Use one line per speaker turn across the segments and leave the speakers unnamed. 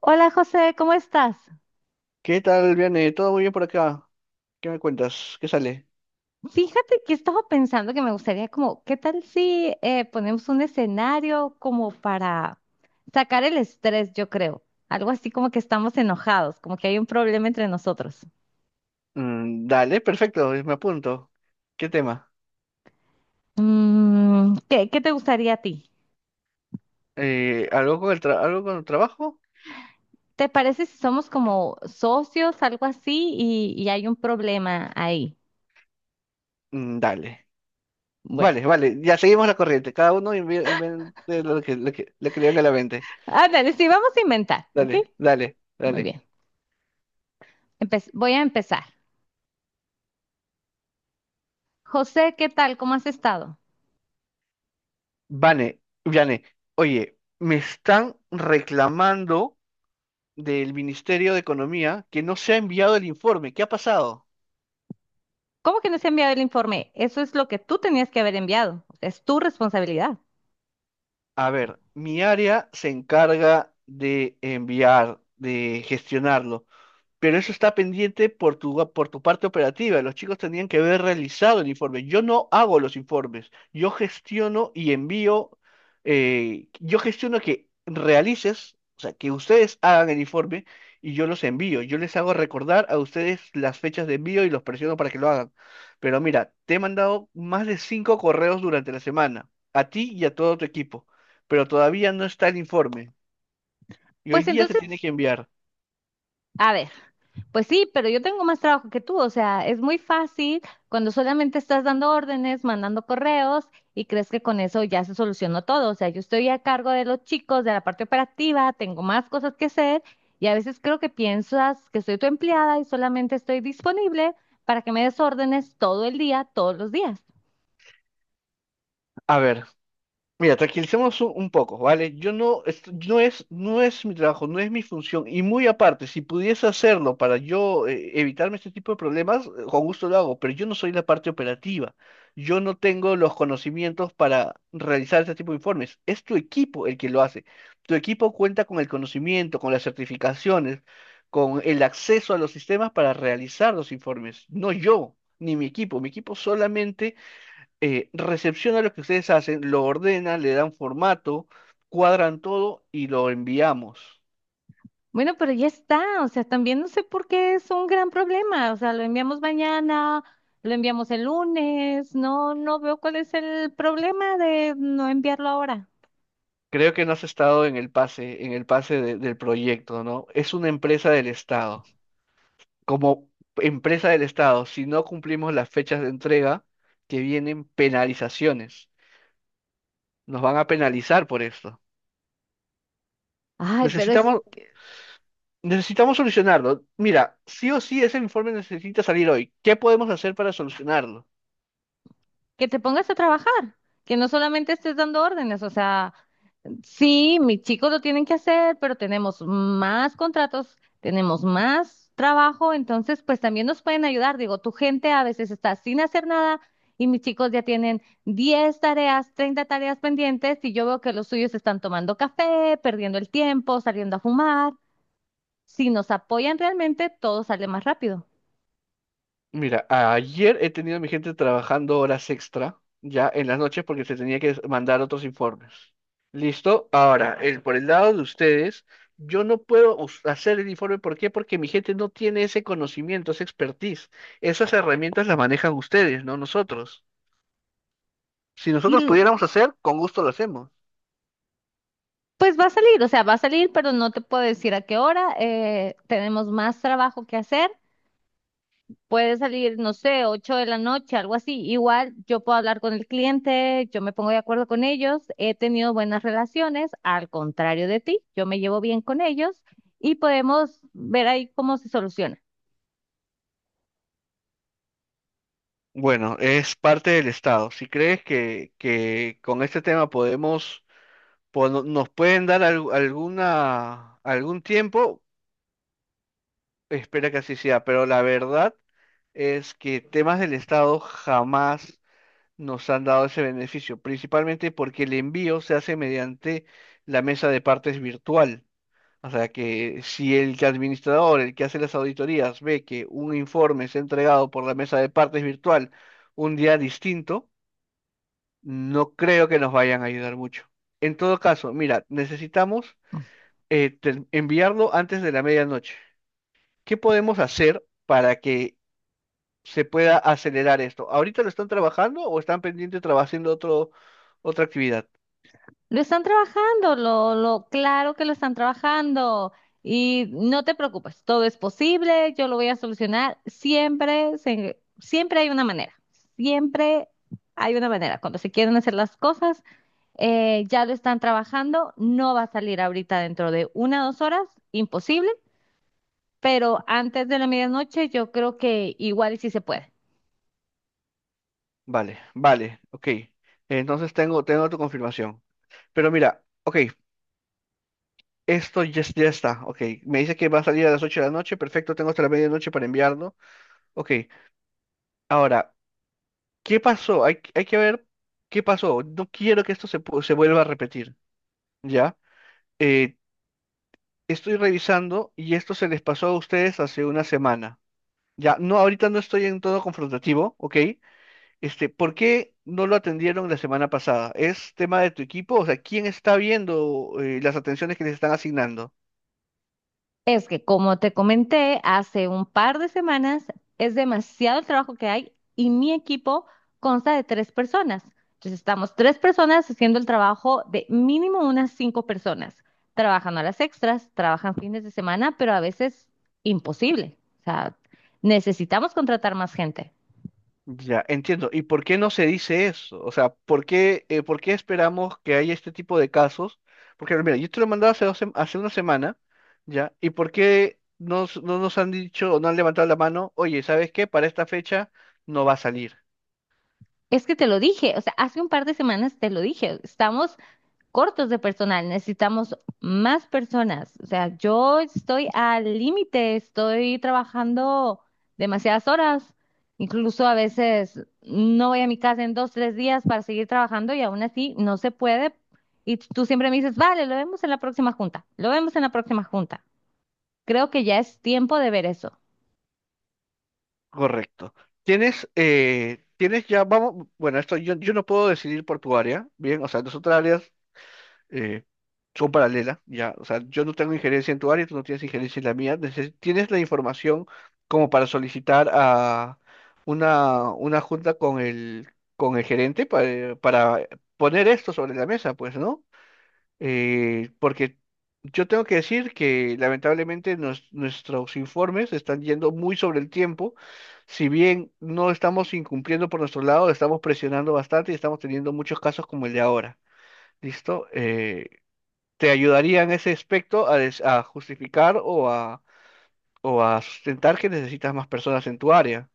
Hola José, ¿cómo estás?
¿Qué tal, Viane? ¿Todo muy bien por acá? ¿Qué me cuentas? ¿Qué sale?
Fíjate que estaba pensando que me gustaría como, ¿qué tal si ponemos un escenario como para sacar el estrés, yo creo? Algo así como que estamos enojados, como que hay un problema entre nosotros.
Mm, dale, perfecto, me apunto. ¿Qué tema?
¿Qué te gustaría a ti?
¿Algo con el trabajo?
¿Te parece si somos como socios, algo así, y hay un problema ahí?
Mm, dale.
Bueno,
Vale, vale, ya seguimos la corriente. Cada uno invente lo que le venga a la mente.
ándale, sí, vamos a inventar, ¿ok?
Dale, dale,
Muy
dale.
bien. Voy a empezar. José, ¿qué tal? ¿Cómo has estado?
Vane, Viane, oye, me están reclamando del Ministerio de Economía que no se ha enviado el informe. ¿Qué ha pasado?
¿Cómo que no se ha enviado el informe? Eso es lo que tú tenías que haber enviado. Es tu responsabilidad.
A ver, mi área se encarga de enviar, de gestionarlo, pero eso está pendiente por por tu parte operativa. Los chicos tendrían que haber realizado el informe. Yo no hago los informes, yo gestiono y envío, yo gestiono que realices, o sea, que ustedes hagan el informe y yo los envío. Yo les hago recordar a ustedes las fechas de envío y los presiono para que lo hagan. Pero mira, te he mandado más de cinco correos durante la semana, a ti y a todo tu equipo, pero todavía no está el informe. Y hoy
Pues
día se tiene
entonces,
que enviar.
a ver, pues sí, pero yo tengo más trabajo que tú. O sea, es muy fácil cuando solamente estás dando órdenes, mandando correos y crees que con eso ya se solucionó todo. O sea, yo estoy a cargo de los chicos, de la parte operativa, tengo más cosas que hacer y a veces creo que piensas que soy tu empleada y solamente estoy disponible para que me des órdenes todo el día, todos los días.
A ver. Mira, tranquilicemos un poco, ¿vale? Yo no, es- no es, no es mi trabajo, no es mi función. Y muy aparte, si pudiese hacerlo para yo evitarme este tipo de problemas, con gusto lo hago, pero yo no soy la parte operativa. Yo no tengo los conocimientos para realizar este tipo de informes. Es tu equipo el que lo hace. Tu equipo cuenta con el conocimiento, con las certificaciones, con el acceso a los sistemas para realizar los informes. No yo, ni mi equipo. Mi equipo solamente recepciona lo que ustedes hacen, lo ordena, le dan formato, cuadran todo y lo enviamos.
Bueno, pero ya está, o sea, también no sé por qué es un gran problema, o sea, lo enviamos mañana, lo enviamos el lunes, no, no veo cuál es el problema de no enviarlo ahora.
Creo que no has estado en el pase, del proyecto, ¿no? Es una empresa del Estado. Como empresa del Estado, si no cumplimos las fechas de entrega, que vienen penalizaciones. Nos van a penalizar por esto.
Ay, pero es
Necesitamos, necesitamos solucionarlo. Mira, sí o sí ese informe necesita salir hoy. ¿Qué podemos hacer para solucionarlo?
que te pongas a trabajar, que no solamente estés dando órdenes, o sea. Sí, mis chicos lo tienen que hacer, pero tenemos más contratos, tenemos más trabajo, entonces pues también nos pueden ayudar. Digo, tu gente a veces está sin hacer nada y mis chicos ya tienen 10 tareas, 30 tareas pendientes y yo veo que los suyos están tomando café, perdiendo el tiempo, saliendo a fumar. Si nos apoyan realmente, todo sale más rápido.
Mira, ayer he tenido a mi gente trabajando horas extra, ya en las noches, porque se tenía que mandar otros informes. ¿Listo? Ahora, por el lado de ustedes, yo no puedo hacer el informe. ¿Por qué? Porque mi gente no tiene ese conocimiento, esa expertise. Esas herramientas las manejan ustedes, no nosotros. Si
Y
nosotros
l-
pudiéramos hacer, con gusto lo hacemos.
pues va a salir, o sea, va a salir, pero no te puedo decir a qué hora. Tenemos más trabajo que hacer. Puede salir, no sé, 8 de la noche, algo así. Igual yo puedo hablar con el cliente, yo me pongo de acuerdo con ellos, he tenido buenas relaciones, al contrario de ti, yo me llevo bien con ellos y podemos ver ahí cómo se soluciona.
Bueno, es parte del Estado. Si crees que con este tema podemos, nos pueden dar algún tiempo, espera que así sea, pero la verdad es que temas del Estado jamás nos han dado ese beneficio, principalmente porque el envío se hace mediante la mesa de partes virtual. O sea que si el que hace las auditorías, ve que un informe es entregado por la mesa de partes virtual un día distinto, no creo que nos vayan a ayudar mucho. En todo caso, mira, necesitamos enviarlo antes de la medianoche. ¿Qué podemos hacer para que se pueda acelerar esto? ¿Ahorita lo están trabajando o están pendientes trabajando haciendo otra actividad?
Lo están trabajando, lo claro que lo están trabajando y no te preocupes, todo es posible, yo lo voy a solucionar. Siempre, siempre hay una manera, siempre hay una manera. Cuando se quieren hacer las cosas, ya lo están trabajando, no va a salir ahorita dentro de 1 o 2 horas, imposible, pero antes de la medianoche yo creo que igual y sí se puede.
Vale, vale, ok. Entonces tengo tu confirmación. Pero mira, ok, esto ya, ya está, ok. Me dice que va a salir a las 8 de la noche, perfecto, tengo hasta la medianoche para enviarlo. Ok, ahora, ¿qué pasó? Hay que ver qué pasó. No quiero que esto se vuelva a repetir, ¿ya? Eh, Estoy revisando y esto se les pasó a ustedes hace una semana. Ya, no, ahorita no estoy en todo confrontativo, ¿ok? Este, ¿por qué no lo atendieron la semana pasada? ¿Es tema de tu equipo? O sea, ¿quién está viendo las atenciones que les están asignando?
Es que como te comenté hace un par de semanas, es demasiado el trabajo que hay y mi equipo consta de tres personas. Entonces estamos tres personas haciendo el trabajo de mínimo unas cinco personas, trabajando a las extras, trabajan fines de semana, pero a veces imposible. O sea, necesitamos contratar más gente.
Ya, entiendo. ¿Y por qué no se dice eso? O sea, ¿por qué, por qué esperamos que haya este tipo de casos? Porque, mira, yo te lo mandaba hace una semana, ¿ya? ¿Y por qué no nos han dicho o no han levantado la mano? Oye, ¿sabes qué? Para esta fecha no va a salir.
Es que te lo dije, o sea, hace un par de semanas te lo dije, estamos cortos de personal, necesitamos más personas. O sea, yo estoy al límite, estoy trabajando demasiadas horas, incluso a veces no voy a mi casa en 2, 3 días para seguir trabajando y aún así no se puede. Y tú siempre me dices, vale, lo vemos en la próxima junta, lo vemos en la próxima junta. Creo que ya es tiempo de ver eso.
Correcto. Tienes ya, vamos, bueno, esto yo no puedo decidir por tu área, bien, o sea, nosotras áreas eh, son paralelas, ya, o sea, yo no tengo injerencia en tu área, tú no tienes injerencia en la mía, tienes la información como para solicitar a una junta con con el gerente para poner esto sobre la mesa, pues, ¿no? Porque yo tengo que decir que lamentablemente nuestros informes están yendo muy sobre el tiempo, si bien no estamos incumpliendo por nuestro lado, estamos presionando bastante y estamos teniendo muchos casos como el de ahora. ¿Listo? Te ayudaría en ese aspecto a justificar o a sustentar que necesitas más personas en tu área.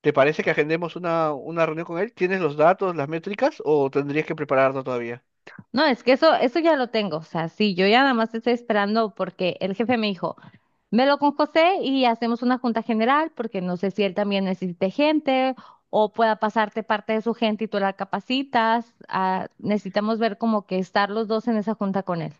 ¿Te parece que agendemos una reunión con él? ¿Tienes los datos, las métricas o tendrías que prepararlo todavía?
No, es que eso ya lo tengo. O sea, sí, yo ya nada más estoy esperando porque el jefe me dijo. Me lo con José y hacemos una junta general porque no sé si él también necesite gente o pueda pasarte parte de su gente y tú la capacitas. Ah, necesitamos ver como que estar los dos en esa junta con él.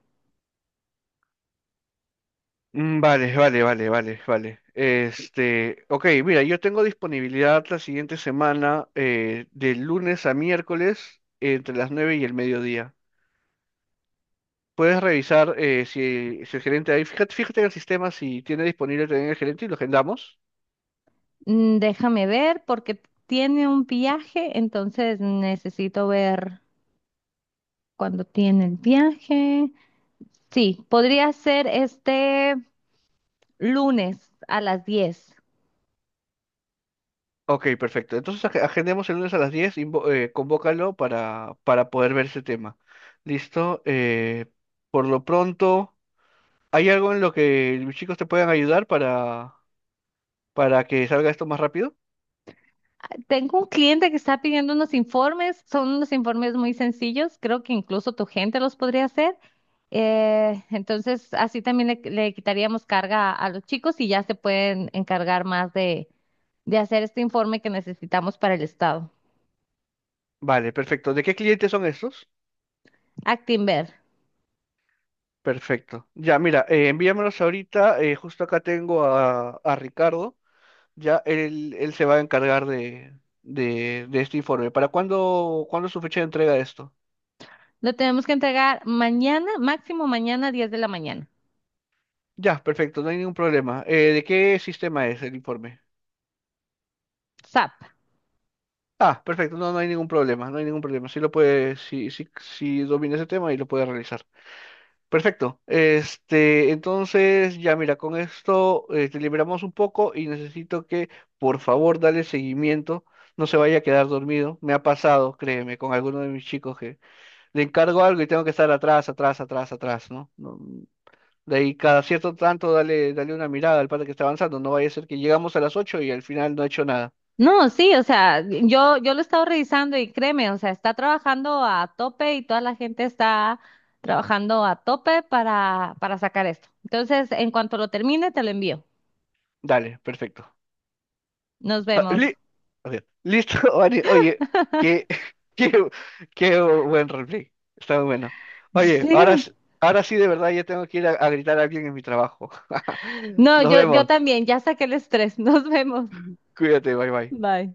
Mm, vale, vale, vale, vale, vale. Este, ok, mira, yo tengo disponibilidad la siguiente semana, de lunes a miércoles, entre las 9 y el mediodía. Puedes revisar si el gerente ahí, fíjate en el sistema si tiene disponible también el gerente y lo agendamos.
Déjame ver porque tiene un viaje, entonces necesito ver cuándo tiene el viaje. Sí, podría ser este lunes a las 10.
Ok, perfecto. Entonces agendemos el lunes a las 10, convócalo para poder ver ese tema. ¿Listo? Por lo pronto, ¿hay algo en lo que los chicos te puedan ayudar para que salga esto más rápido?
Tengo un cliente que está pidiendo unos informes, son unos informes muy sencillos, creo que incluso tu gente los podría hacer. Entonces, así también le quitaríamos carga a los chicos y ya se pueden encargar más de hacer este informe que necesitamos para el Estado.
Vale, perfecto. ¿De qué clientes son estos?
Actinver.
Perfecto. Ya, mira, envíamelos ahorita. Justo acá tengo a Ricardo. Ya él se va a encargar de este informe. ¿Para cuándo es su fecha de entrega de esto?
Lo tenemos que entregar mañana, máximo mañana, 10 de la mañana.
Ya, perfecto, no hay ningún problema. ¿De qué sistema es el informe?
SAP.
Ah, perfecto, no, no hay ningún problema, no hay ningún problema. Sí lo puede, sí, sí, sí domina ese tema y lo puede realizar. Perfecto. Este, entonces, ya mira, con esto te liberamos un poco y necesito que, por favor, dale seguimiento. No se vaya a quedar dormido. Me ha pasado, créeme, con alguno de mis chicos que le encargo algo y tengo que estar atrás, atrás, atrás, atrás, ¿no? No, de ahí cada cierto tanto dale una mirada al pata que está avanzando. No vaya a ser que llegamos a las 8 y al final no ha hecho nada.
No, sí, o sea, yo lo he estado revisando y créeme, o sea, está trabajando a tope y toda la gente está trabajando a tope para sacar esto. Entonces, en cuanto lo termine, te lo envío.
Dale, perfecto.
Nos
Ah,
vemos.
o sea, listo, Vani. Oye, qué, qué, qué buen roleplay. Está muy bueno. Oye, ahora,
Sí.
ahora sí de verdad ya tengo que ir a gritar a alguien en mi trabajo.
No,
Nos
yo
vemos.
también, ya saqué el estrés. Nos vemos.
Cuídate, bye bye.
Bye.